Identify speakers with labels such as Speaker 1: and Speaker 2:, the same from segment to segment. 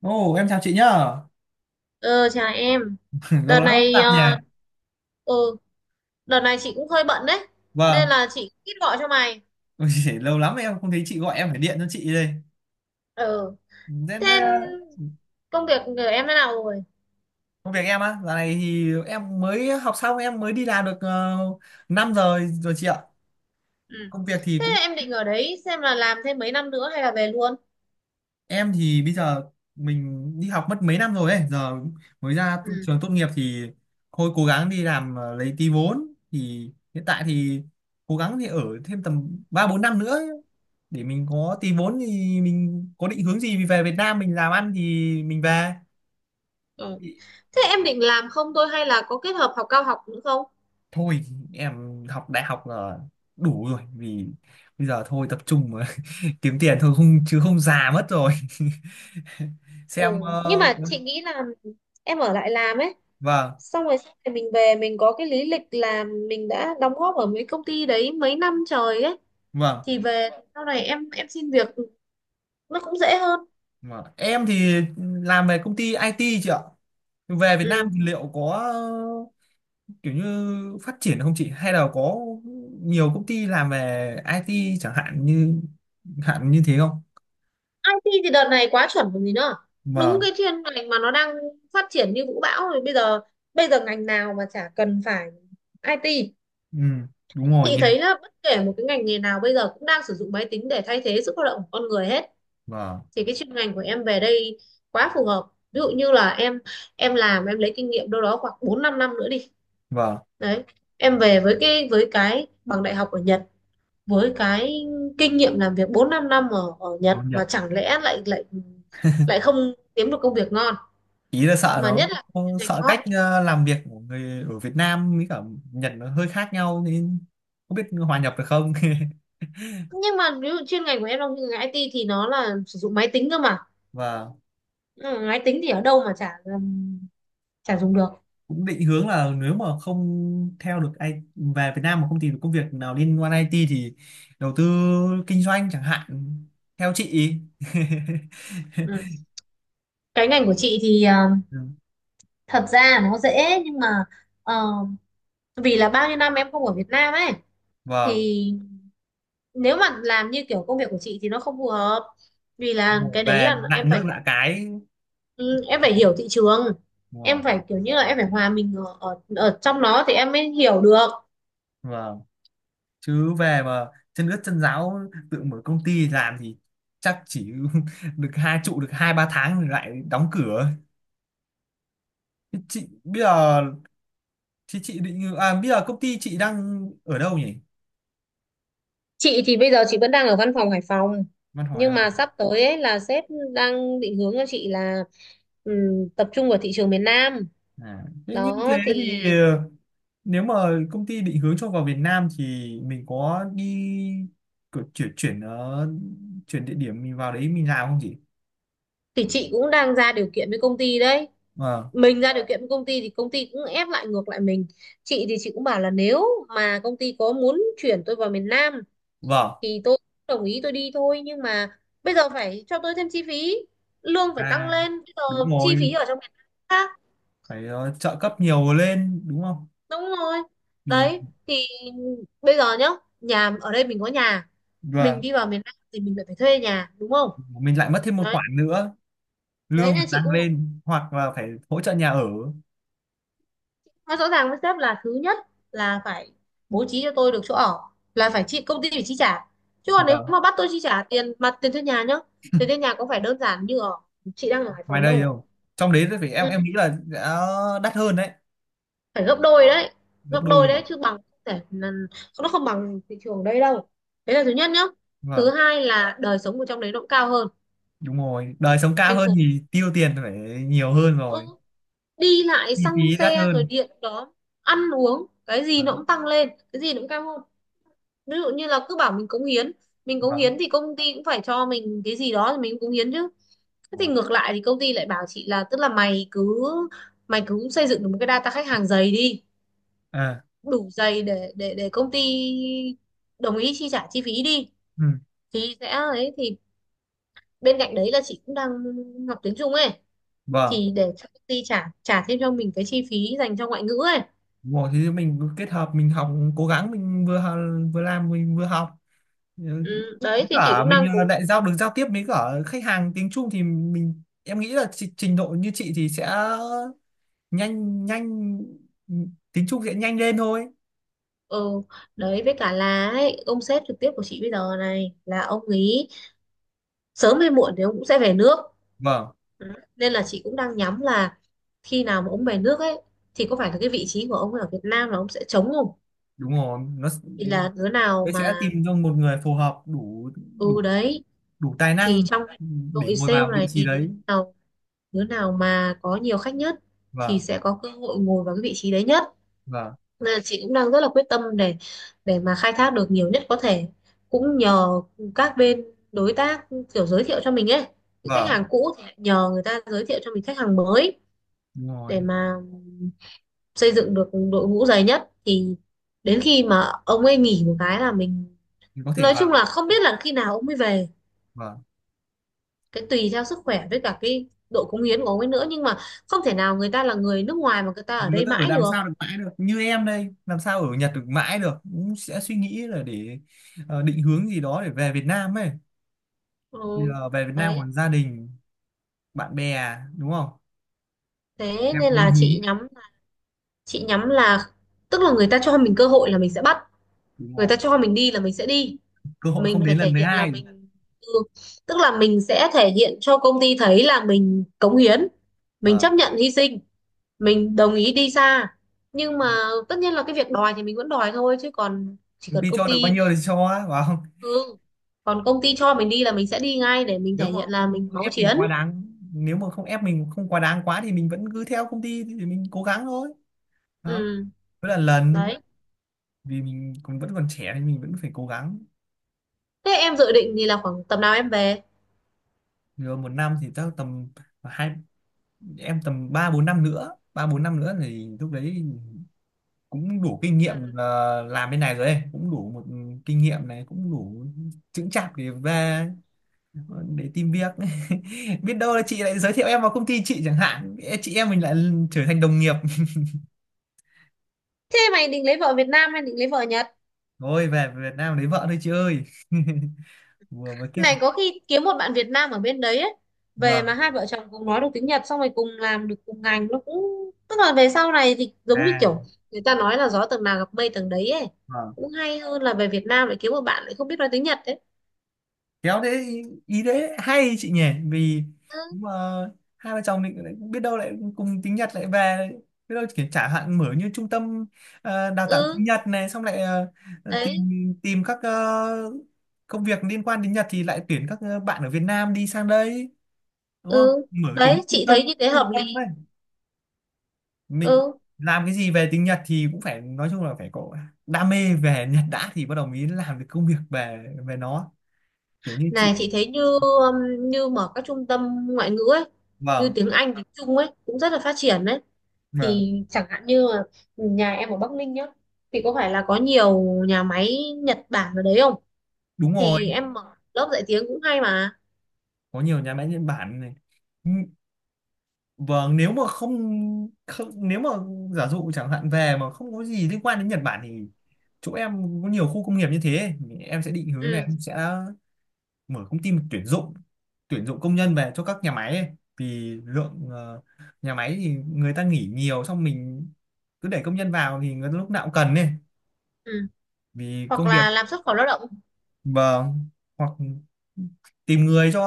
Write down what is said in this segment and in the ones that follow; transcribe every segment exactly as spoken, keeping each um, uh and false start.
Speaker 1: Ồ, em chào chị nhá.
Speaker 2: Ờ, Chào em.
Speaker 1: Lâu
Speaker 2: Đợt
Speaker 1: lắm không
Speaker 2: này
Speaker 1: gặp
Speaker 2: ờ,
Speaker 1: nhỉ.
Speaker 2: ừ, Đợt này chị cũng hơi bận đấy. Nên
Speaker 1: Vâng.
Speaker 2: là chị ít gọi cho mày.
Speaker 1: Ôi giời, lâu lắm em không thấy chị gọi, em phải điện cho chị đây.
Speaker 2: Ừ.
Speaker 1: Thế,
Speaker 2: Thế
Speaker 1: thế
Speaker 2: công việc của em thế nào rồi?
Speaker 1: công việc em á, giờ này thì em mới học xong, em mới đi làm được uh, năm giờ rồi chị ạ.
Speaker 2: Ừ.
Speaker 1: Công việc thì
Speaker 2: Thế
Speaker 1: cũng
Speaker 2: em định ở đấy xem là làm thêm mấy năm nữa hay là về luôn?
Speaker 1: em thì bây giờ mình đi học mất mấy năm rồi ấy, giờ mới ra tu-
Speaker 2: Ừ.
Speaker 1: trường tốt nghiệp thì thôi, cố gắng đi làm ờ, lấy tí vốn. Thì hiện tại thì cố gắng thì ở thêm tầm ba bốn năm nữa ấy, để mình có tí vốn thì mình có định hướng gì về Việt Nam mình làm ăn thì mình về.
Speaker 2: Ừ. Thế em định làm không thôi hay là có kết hợp học cao học nữa không?
Speaker 1: Thôi, em học đại học là đủ rồi, vì bây giờ thôi tập trung mà kiếm tiền thôi, không chứ không già mất rồi.
Speaker 2: Ừ.
Speaker 1: Xem
Speaker 2: Nhưng
Speaker 1: ờ,
Speaker 2: mà chị
Speaker 1: vâng
Speaker 2: nghĩ là em ở lại làm ấy. Xong rồi sau này mình về mình có cái lý lịch là mình đã đóng góp ở mấy công ty đấy mấy năm trời ấy.
Speaker 1: vâng.
Speaker 2: Thì về sau này em em xin việc nó cũng dễ hơn.
Speaker 1: Vâng. Em thì làm về công ty ai ti chị ạ. Về Việt Nam
Speaker 2: Ừ.
Speaker 1: thì liệu có kiểu như phát triển không chị? Hay là có nhiều công ty làm về i tê chẳng hạn như hạn như thế không?
Speaker 2: i tê thì đợt này quá chuẩn còn gì nữa, đúng
Speaker 1: Vâng,
Speaker 2: cái chuyên ngành mà nó đang phát triển như vũ bão rồi. Bây giờ bây giờ ngành nào mà chả cần phải i tê.
Speaker 1: ừ, đúng rồi
Speaker 2: Chị
Speaker 1: nha.
Speaker 2: thấy là bất kể một cái ngành nghề nào bây giờ cũng đang sử dụng máy tính để thay thế sự lao động của con người hết,
Speaker 1: Vâng,
Speaker 2: thì cái chuyên ngành của em về đây quá phù hợp. Ví dụ như là em em làm, em lấy kinh nghiệm đâu đó khoảng bốn 5 năm nữa đi.
Speaker 1: vâng,
Speaker 2: Đấy, em về với cái với cái bằng đại học ở Nhật, với cái kinh nghiệm làm việc bốn năm năm ở ở
Speaker 1: nó
Speaker 2: Nhật mà
Speaker 1: Nhật.
Speaker 2: chẳng lẽ lại lại lại không kiếm được công việc ngon,
Speaker 1: Ý là sợ
Speaker 2: mà
Speaker 1: nó
Speaker 2: nhất là cái chuyên ngành
Speaker 1: sợ
Speaker 2: hot.
Speaker 1: cách ờ, làm việc của người ở Việt Nam với cả Nhật nó hơi khác nhau, nên không biết hòa nhập được không.
Speaker 2: Nhưng mà ví dụ chuyên ngành của em, trong chuyên ngành i tê thì nó là sử dụng máy tính cơ mà.
Speaker 1: Vâng.
Speaker 2: Ừ, máy tính thì ở đâu mà chả chả dùng được.
Speaker 1: Cũng định hướng là nếu mà không theo được ai, về Việt Nam mà không tìm được công việc nào liên quan ai ti thì đầu tư kinh doanh chẳng hạn, theo chị.
Speaker 2: Ừ. Cái ngành của chị thì ờ,
Speaker 1: Ừ,
Speaker 2: thật ra nó dễ, nhưng mà ờ, vì là bao nhiêu năm em không ở Việt Nam ấy,
Speaker 1: vâng,
Speaker 2: thì nếu mà làm như kiểu công việc của chị thì nó không phù hợp. Vì là cái đấy
Speaker 1: về
Speaker 2: là
Speaker 1: lạ
Speaker 2: em
Speaker 1: nước
Speaker 2: phải.
Speaker 1: lạ cái.
Speaker 2: Ừ, em phải hiểu thị trường,
Speaker 1: Đúng rồi.
Speaker 2: em phải kiểu như là em phải hòa mình ở, ở ở trong nó thì em mới hiểu được.
Speaker 1: Vâng, chứ về mà chân ướt chân ráo tự mở công ty làm thì chắc chỉ được hai trụ được hai ba tháng rồi lại đóng cửa. Thế chị bây giờ thì chị định, à, bây giờ công ty chị đang ở đâu nhỉ?
Speaker 2: Chị thì bây giờ chị vẫn đang ở văn phòng Hải Phòng,
Speaker 1: Văn hỏi em.
Speaker 2: nhưng mà sắp tới ấy là sếp đang định hướng cho chị là, ừm, tập trung vào thị trường miền Nam.
Speaker 1: À, thế như thế
Speaker 2: Đó
Speaker 1: thì
Speaker 2: thì
Speaker 1: ờ, nếu mà công ty định hướng cho vào Việt Nam thì mình có đi cử- chuyển chuyển ờ, chuyển địa điểm mình vào đấy mình làm không chị?
Speaker 2: thì chị cũng đang ra điều kiện với công ty đấy.
Speaker 1: Vâng,
Speaker 2: Mình ra điều kiện với công ty thì công ty cũng ép lại ngược lại mình. Chị thì chị cũng bảo là nếu mà công ty có muốn chuyển tôi vào miền Nam
Speaker 1: vâng.
Speaker 2: thì tôi đồng ý, tôi đi thôi, nhưng mà bây giờ phải cho tôi thêm chi phí, lương phải tăng
Speaker 1: À,
Speaker 2: lên. Bây giờ
Speaker 1: đúng
Speaker 2: chi phí
Speaker 1: rồi,
Speaker 2: ở trong miền Nam khác.
Speaker 1: phải ờ, trợ cấp nhiều lên đúng không?
Speaker 2: Đúng rồi.
Speaker 1: Vì
Speaker 2: Đấy thì bây giờ nhá, nhà ở đây mình có nhà, mình
Speaker 1: và
Speaker 2: đi vào miền Nam thì mình lại phải thuê nhà đúng không?
Speaker 1: mình lại mất thêm một
Speaker 2: Đấy.
Speaker 1: khoản nữa,
Speaker 2: Đấy
Speaker 1: lương
Speaker 2: nên
Speaker 1: phải
Speaker 2: chị
Speaker 1: tăng
Speaker 2: cũng nói
Speaker 1: lên hoặc là phải hỗ trợ nhà ở.
Speaker 2: nói rõ ràng với sếp là, thứ nhất là phải bố trí cho tôi được chỗ ở, là phải chị công ty phải chi trả. Chứ còn nếu
Speaker 1: Vâng,
Speaker 2: mà bắt tôi chi trả tiền mặt, tiền thuê nhà nhá, tiền thuê nhà có phải đơn giản như ở, chị đang ở Hải
Speaker 1: ngoài
Speaker 2: Phòng
Speaker 1: đây
Speaker 2: đâu.
Speaker 1: đâu. Trong đấy thì phải
Speaker 2: Ừ.
Speaker 1: em em nghĩ là đã đắt hơn đấy,
Speaker 2: Phải gấp đôi đấy.
Speaker 1: gấp
Speaker 2: Gấp
Speaker 1: đôi cơ
Speaker 2: đôi
Speaker 1: mà.
Speaker 2: đấy, chứ bằng không thể là- nó không bằng thị trường đây đâu. Đấy là thứ nhất nhá. Thứ
Speaker 1: Vâng.
Speaker 2: hai là đời sống ở trong đấy nó cũng cao hơn,
Speaker 1: Đúng rồi, đời sống cao
Speaker 2: thành
Speaker 1: hơn
Speaker 2: phố.
Speaker 1: thì tiêu tiền phải nhiều hơn rồi,
Speaker 2: ừ, đi lại
Speaker 1: chi
Speaker 2: xăng
Speaker 1: phí đắt
Speaker 2: xe rồi
Speaker 1: hơn.
Speaker 2: điện đó, ăn uống cái gì
Speaker 1: À,
Speaker 2: nó cũng tăng lên, cái gì nó cũng cao hơn. Ví dụ như là cứ bảo mình cống hiến, mình cống
Speaker 1: vâng,
Speaker 2: hiến thì công ty cũng phải cho mình cái gì đó thì mình cũng cống hiến chứ. Thế thì ngược lại thì công ty lại bảo chị là, tức là mày cứ mày cứ xây dựng được một cái data khách hàng dày đi,
Speaker 1: à,
Speaker 2: đủ dày để để để công ty đồng ý chi trả chi phí đi.
Speaker 1: ừ,
Speaker 2: Thì sẽ ấy, thì bên cạnh đấy là chị cũng đang học tiếng Trung ấy,
Speaker 1: vâng,
Speaker 2: thì để cho công ty trả trả thêm cho mình cái chi phí dành cho ngoại ngữ ấy.
Speaker 1: đúng rồi. Thì mình cứ kết hợp mình học cố gắng, mình vừa học- vừa làm, mình vừa học. Ừ,
Speaker 2: Ừ, đấy
Speaker 1: với
Speaker 2: thì chị
Speaker 1: cả
Speaker 2: cũng
Speaker 1: mình
Speaker 2: đang
Speaker 1: ờ,
Speaker 2: cố.
Speaker 1: lại giao được giao tiếp với cả khách hàng tiếng Trung thì mình em nghĩ là tri- trình độ như chị thì sẽ nhanh nhanh tiếng Trung sẽ nhanh lên thôi.
Speaker 2: Ừ, đấy với cả là ấy, ông sếp trực tiếp của chị bây giờ này là ông ấy sớm hay muộn thì ông cũng sẽ về nước.
Speaker 1: Vâng,
Speaker 2: Ừ. Nên là chị cũng đang nhắm là khi nào mà ông về nước ấy, thì có phải là cái vị trí của ông ở Việt Nam là ông sẽ trống không.
Speaker 1: đúng rồi nó s-,
Speaker 2: Thì là đứa nào
Speaker 1: đấy sẽ
Speaker 2: mà.
Speaker 1: tìm cho một người phù hợp đủ đủ
Speaker 2: Ừ đấy,
Speaker 1: đủ tài
Speaker 2: thì
Speaker 1: năng
Speaker 2: trong
Speaker 1: để
Speaker 2: đội
Speaker 1: ngồi
Speaker 2: sale
Speaker 1: vào vị
Speaker 2: này
Speaker 1: trí
Speaker 2: thì đứa
Speaker 1: đấy.
Speaker 2: nào đứa nào mà có nhiều khách nhất thì
Speaker 1: Vâng,
Speaker 2: sẽ có cơ hội ngồi vào cái vị trí đấy nhất.
Speaker 1: vâng,
Speaker 2: Nên là chị cũng đang rất là quyết tâm để để mà khai thác được nhiều nhất có thể. Cũng nhờ các bên đối tác kiểu giới thiệu cho mình ấy, những khách hàng
Speaker 1: vâng,
Speaker 2: cũ thì lại nhờ người ta giới thiệu cho mình khách hàng mới,
Speaker 1: đúng rồi,
Speaker 2: để mà xây dựng được đội ngũ dày nhất, thì đến khi mà ông ấy nghỉ một cái là mình.
Speaker 1: thì có thể
Speaker 2: Nói chung
Speaker 1: vào.
Speaker 2: là không biết là khi nào ông ấy về,
Speaker 1: Vâng,
Speaker 2: cái tùy theo sức khỏe với cả cái độ cống hiến của ông ấy nữa, nhưng mà không thể nào người ta là người nước ngoài mà người ta ở
Speaker 1: người
Speaker 2: đây
Speaker 1: ta ở
Speaker 2: mãi
Speaker 1: làm
Speaker 2: được.
Speaker 1: sao được mãi được, như em đây làm sao ở Nhật được mãi được, cũng sẽ suy nghĩ là để ờ, định hướng gì đó để về Việt Nam ấy. Bây
Speaker 2: Ừ.
Speaker 1: giờ về Việt Nam
Speaker 2: Đấy,
Speaker 1: còn gia đình bạn bè đúng không,
Speaker 2: thế
Speaker 1: em
Speaker 2: nên
Speaker 1: muốn
Speaker 2: là chị
Speaker 1: hướng.
Speaker 2: nhắm chị nhắm là tức là người ta cho mình cơ hội là mình sẽ bắt,
Speaker 1: Đúng
Speaker 2: người
Speaker 1: rồi,
Speaker 2: ta cho mình đi là mình sẽ đi.
Speaker 1: cơ hội
Speaker 2: Mình
Speaker 1: không
Speaker 2: phải
Speaker 1: đến lần
Speaker 2: thể
Speaker 1: thứ
Speaker 2: hiện là
Speaker 1: hai
Speaker 2: mình. Ừ. Tức là mình sẽ thể hiện cho công ty thấy là mình cống hiến, mình
Speaker 1: Vâng,
Speaker 2: chấp nhận hy sinh, mình đồng ý đi xa, nhưng mà tất nhiên là cái việc đòi thì mình vẫn đòi thôi, chứ còn chỉ
Speaker 1: công
Speaker 2: cần
Speaker 1: ty
Speaker 2: công
Speaker 1: cho được bao
Speaker 2: ty.
Speaker 1: nhiêu thì cho á, phải không,
Speaker 2: Ừ. Còn công ty cho mình đi là mình sẽ đi ngay, để mình
Speaker 1: nếu
Speaker 2: thể
Speaker 1: mà
Speaker 2: hiện là
Speaker 1: không
Speaker 2: mình máu
Speaker 1: ép mình
Speaker 2: chiến.
Speaker 1: quá đáng. Nếu mà không ép mình không quá đáng quá thì mình vẫn cứ theo công ty, thì mình cố gắng thôi. Đó,
Speaker 2: Ừ,
Speaker 1: cứ là lần,
Speaker 2: đấy.
Speaker 1: vì mình cũng vẫn còn trẻ nên mình vẫn phải cố gắng.
Speaker 2: Thế em dự định thì là khoảng tầm nào em về?
Speaker 1: Rồi một năm thì chắc tầm hai, em tầm ba bốn năm nữa, ba bốn năm nữa thì lúc đấy cũng đủ kinh nghiệm
Speaker 2: Ừ.
Speaker 1: là làm bên này rồi ấy, cũng đủ một kinh nghiệm này cũng đủ chững chạc để về, để tìm việc. Biết đâu là
Speaker 2: Ừ.
Speaker 1: chị lại giới thiệu em vào công ty chị chẳng hạn, chị em mình lại trở thành đồng nghiệp.
Speaker 2: Thế mày định lấy vợ Việt Nam hay định lấy vợ Nhật?
Speaker 1: Thôi về Việt Nam lấy vợ thôi chị ơi. Vừa mới kết hợp,
Speaker 2: Này có khi kiếm một bạn Việt Nam ở bên đấy ấy. Về mà
Speaker 1: vâng,
Speaker 2: hai vợ chồng cùng nói được tiếng Nhật, xong rồi cùng làm được cùng ngành, nó cũng tức là về sau này thì giống như
Speaker 1: à,
Speaker 2: kiểu người ta nói là gió tầng nào gặp mây tầng đấy ấy.
Speaker 1: vâng,
Speaker 2: Cũng hay hơn là về Việt Nam lại kiếm một bạn lại không biết nói tiếng Nhật đấy.
Speaker 1: khéo đấy, ý, ý đấy hay chị nhỉ. Vì
Speaker 2: Ừ,
Speaker 1: mà hai vợ chồng định, lại biết đâu lại cùng tiếng Nhật lại về, biết đâu kiểu chẳng hạn mở như trung tâm, ờ, đào tạo tiếng
Speaker 2: ừ,
Speaker 1: Nhật này, xong lại ờ,
Speaker 2: đấy,
Speaker 1: tìm tìm các ờ, công việc liên quan đến Nhật thì lại tuyển các ờ, bạn ở Việt Nam đi sang đây đúng không,
Speaker 2: ừ.
Speaker 1: mở kiểu như
Speaker 2: Đấy,
Speaker 1: trung
Speaker 2: chị
Speaker 1: tâm,
Speaker 2: thấy như thế
Speaker 1: trung
Speaker 2: hợp
Speaker 1: tâm
Speaker 2: lý.
Speaker 1: ấy. Mình
Speaker 2: Ừ.
Speaker 1: làm cái gì về tiếng Nhật thì cũng phải nói chung là phải có đam mê về Nhật đã thì bắt đầu mới làm được công việc về về nó, kiểu như
Speaker 2: Này
Speaker 1: chị.
Speaker 2: chị thấy như um, như mở các trung tâm ngoại ngữ ấy, như
Speaker 1: Vâng,
Speaker 2: tiếng Anh, tiếng Trung ấy cũng rất là phát triển đấy.
Speaker 1: vâng,
Speaker 2: Thì chẳng hạn như là nhà em ở Bắc Ninh nhá, thì có phải là có nhiều nhà máy Nhật Bản ở đấy không?
Speaker 1: đúng rồi,
Speaker 2: Thì em mở lớp dạy tiếng cũng hay mà.
Speaker 1: có nhiều nhà máy Nhật Bản này. N-, vâng, nếu mà không, không, nếu mà giả dụ chẳng hạn về mà không có gì liên quan đến Nhật Bản thì chỗ em có nhiều khu công nghiệp như thế, em sẽ định hướng này,
Speaker 2: Ừ,
Speaker 1: em sẽ mở công ty mà tuyển dụng tuyển dụng công nhân về cho các nhà máy ấy. Vì lượng ờ, nhà máy thì người ta nghỉ nhiều, xong mình cứ để công nhân vào thì người ta lúc nào cũng cần ấy,
Speaker 2: ừ.
Speaker 1: vì
Speaker 2: Hoặc
Speaker 1: công
Speaker 2: là
Speaker 1: việc.
Speaker 2: làm xuất khẩu lao động.
Speaker 1: Vâng, hoặc tìm người cho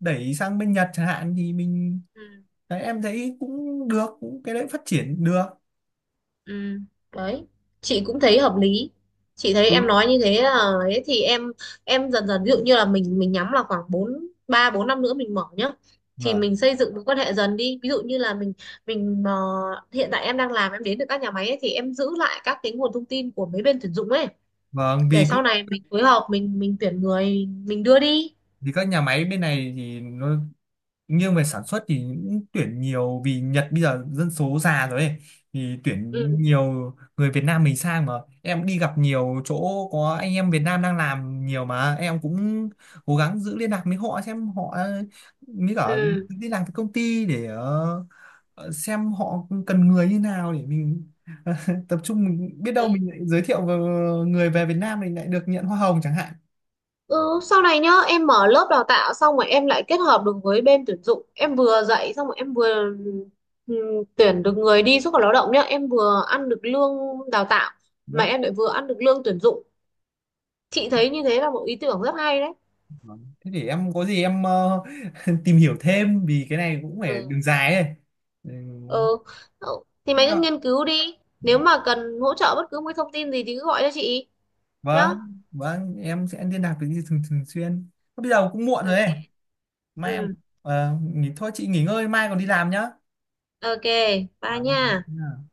Speaker 1: đẩy sang bên Nhật chẳng hạn thì mình,
Speaker 2: Ừ.
Speaker 1: đấy, em thấy cũng được, cũng cái đấy phát triển được.
Speaker 2: Ừ, đấy, chị cũng thấy hợp lý. Chị thấy em
Speaker 1: Ừ,
Speaker 2: nói như thế là, ấy thì em em dần dần, ví dụ như là mình mình nhắm là khoảng bốn, ba bốn năm nữa mình mở nhá, thì
Speaker 1: vâng,
Speaker 2: mình xây dựng mối quan hệ dần đi. Ví dụ như là mình mình ờ, hiện tại em đang làm em đến được các nhà máy ấy, thì em giữ lại các cái nguồn thông tin của mấy bên tuyển dụng ấy,
Speaker 1: vâng,
Speaker 2: để
Speaker 1: vì các-
Speaker 2: sau này mình phối hợp mình mình tuyển người, mình đưa đi.
Speaker 1: vì các nhà máy bên này thì nó nghiêng về sản xuất thì cũng tuyển nhiều, vì Nhật bây giờ dân số già rồi ấy, thì tuyển
Speaker 2: Ừ.
Speaker 1: nhiều người Việt Nam mình sang mà. Em đi gặp nhiều chỗ có anh em Việt Nam đang làm nhiều, mà em cũng cố gắng giữ liên lạc với họ xem họ mới cả
Speaker 2: Ừ,
Speaker 1: đi làm cái công ty để ờ, ờ, xem họ cần người như nào để mình tập trung, mình biết đâu
Speaker 2: đấy.
Speaker 1: mình lại giới thiệu vào người về Việt Nam mình lại được nhận hoa hồng chẳng hạn,
Speaker 2: Ừ, sau này nhá em mở lớp đào tạo, xong rồi em lại kết hợp được với bên tuyển dụng, em vừa dạy, xong rồi em vừa, ừm, tuyển được người đi xuất khẩu lao động nhá, em vừa ăn được lương đào tạo,
Speaker 1: đấy.
Speaker 2: mà em lại vừa ăn được lương tuyển dụng. Chị thấy như thế là một ý tưởng rất hay đấy.
Speaker 1: Vâng, thế để em có gì em ờ, tìm hiểu thêm, vì cái này cũng phải
Speaker 2: Ừ.
Speaker 1: đường dài ấy. Ừ,
Speaker 2: Ừ. Ừ, thì
Speaker 1: biết
Speaker 2: mày
Speaker 1: rồi.
Speaker 2: cứ nghiên cứu đi, nếu mà cần hỗ trợ bất cứ một cái thông tin gì thì cứ gọi cho chị nhá.
Speaker 1: Vâng vâng em sẽ liên lạc với chị thường thường xuyên. Bây giờ cũng muộn rồi ấy,
Speaker 2: OK.
Speaker 1: mai em
Speaker 2: Ừ.
Speaker 1: ờ, nghỉ thôi, chị nghỉ ngơi mai còn đi làm nhá.
Speaker 2: OK, bye
Speaker 1: Vâng,
Speaker 2: nha.
Speaker 1: vâng.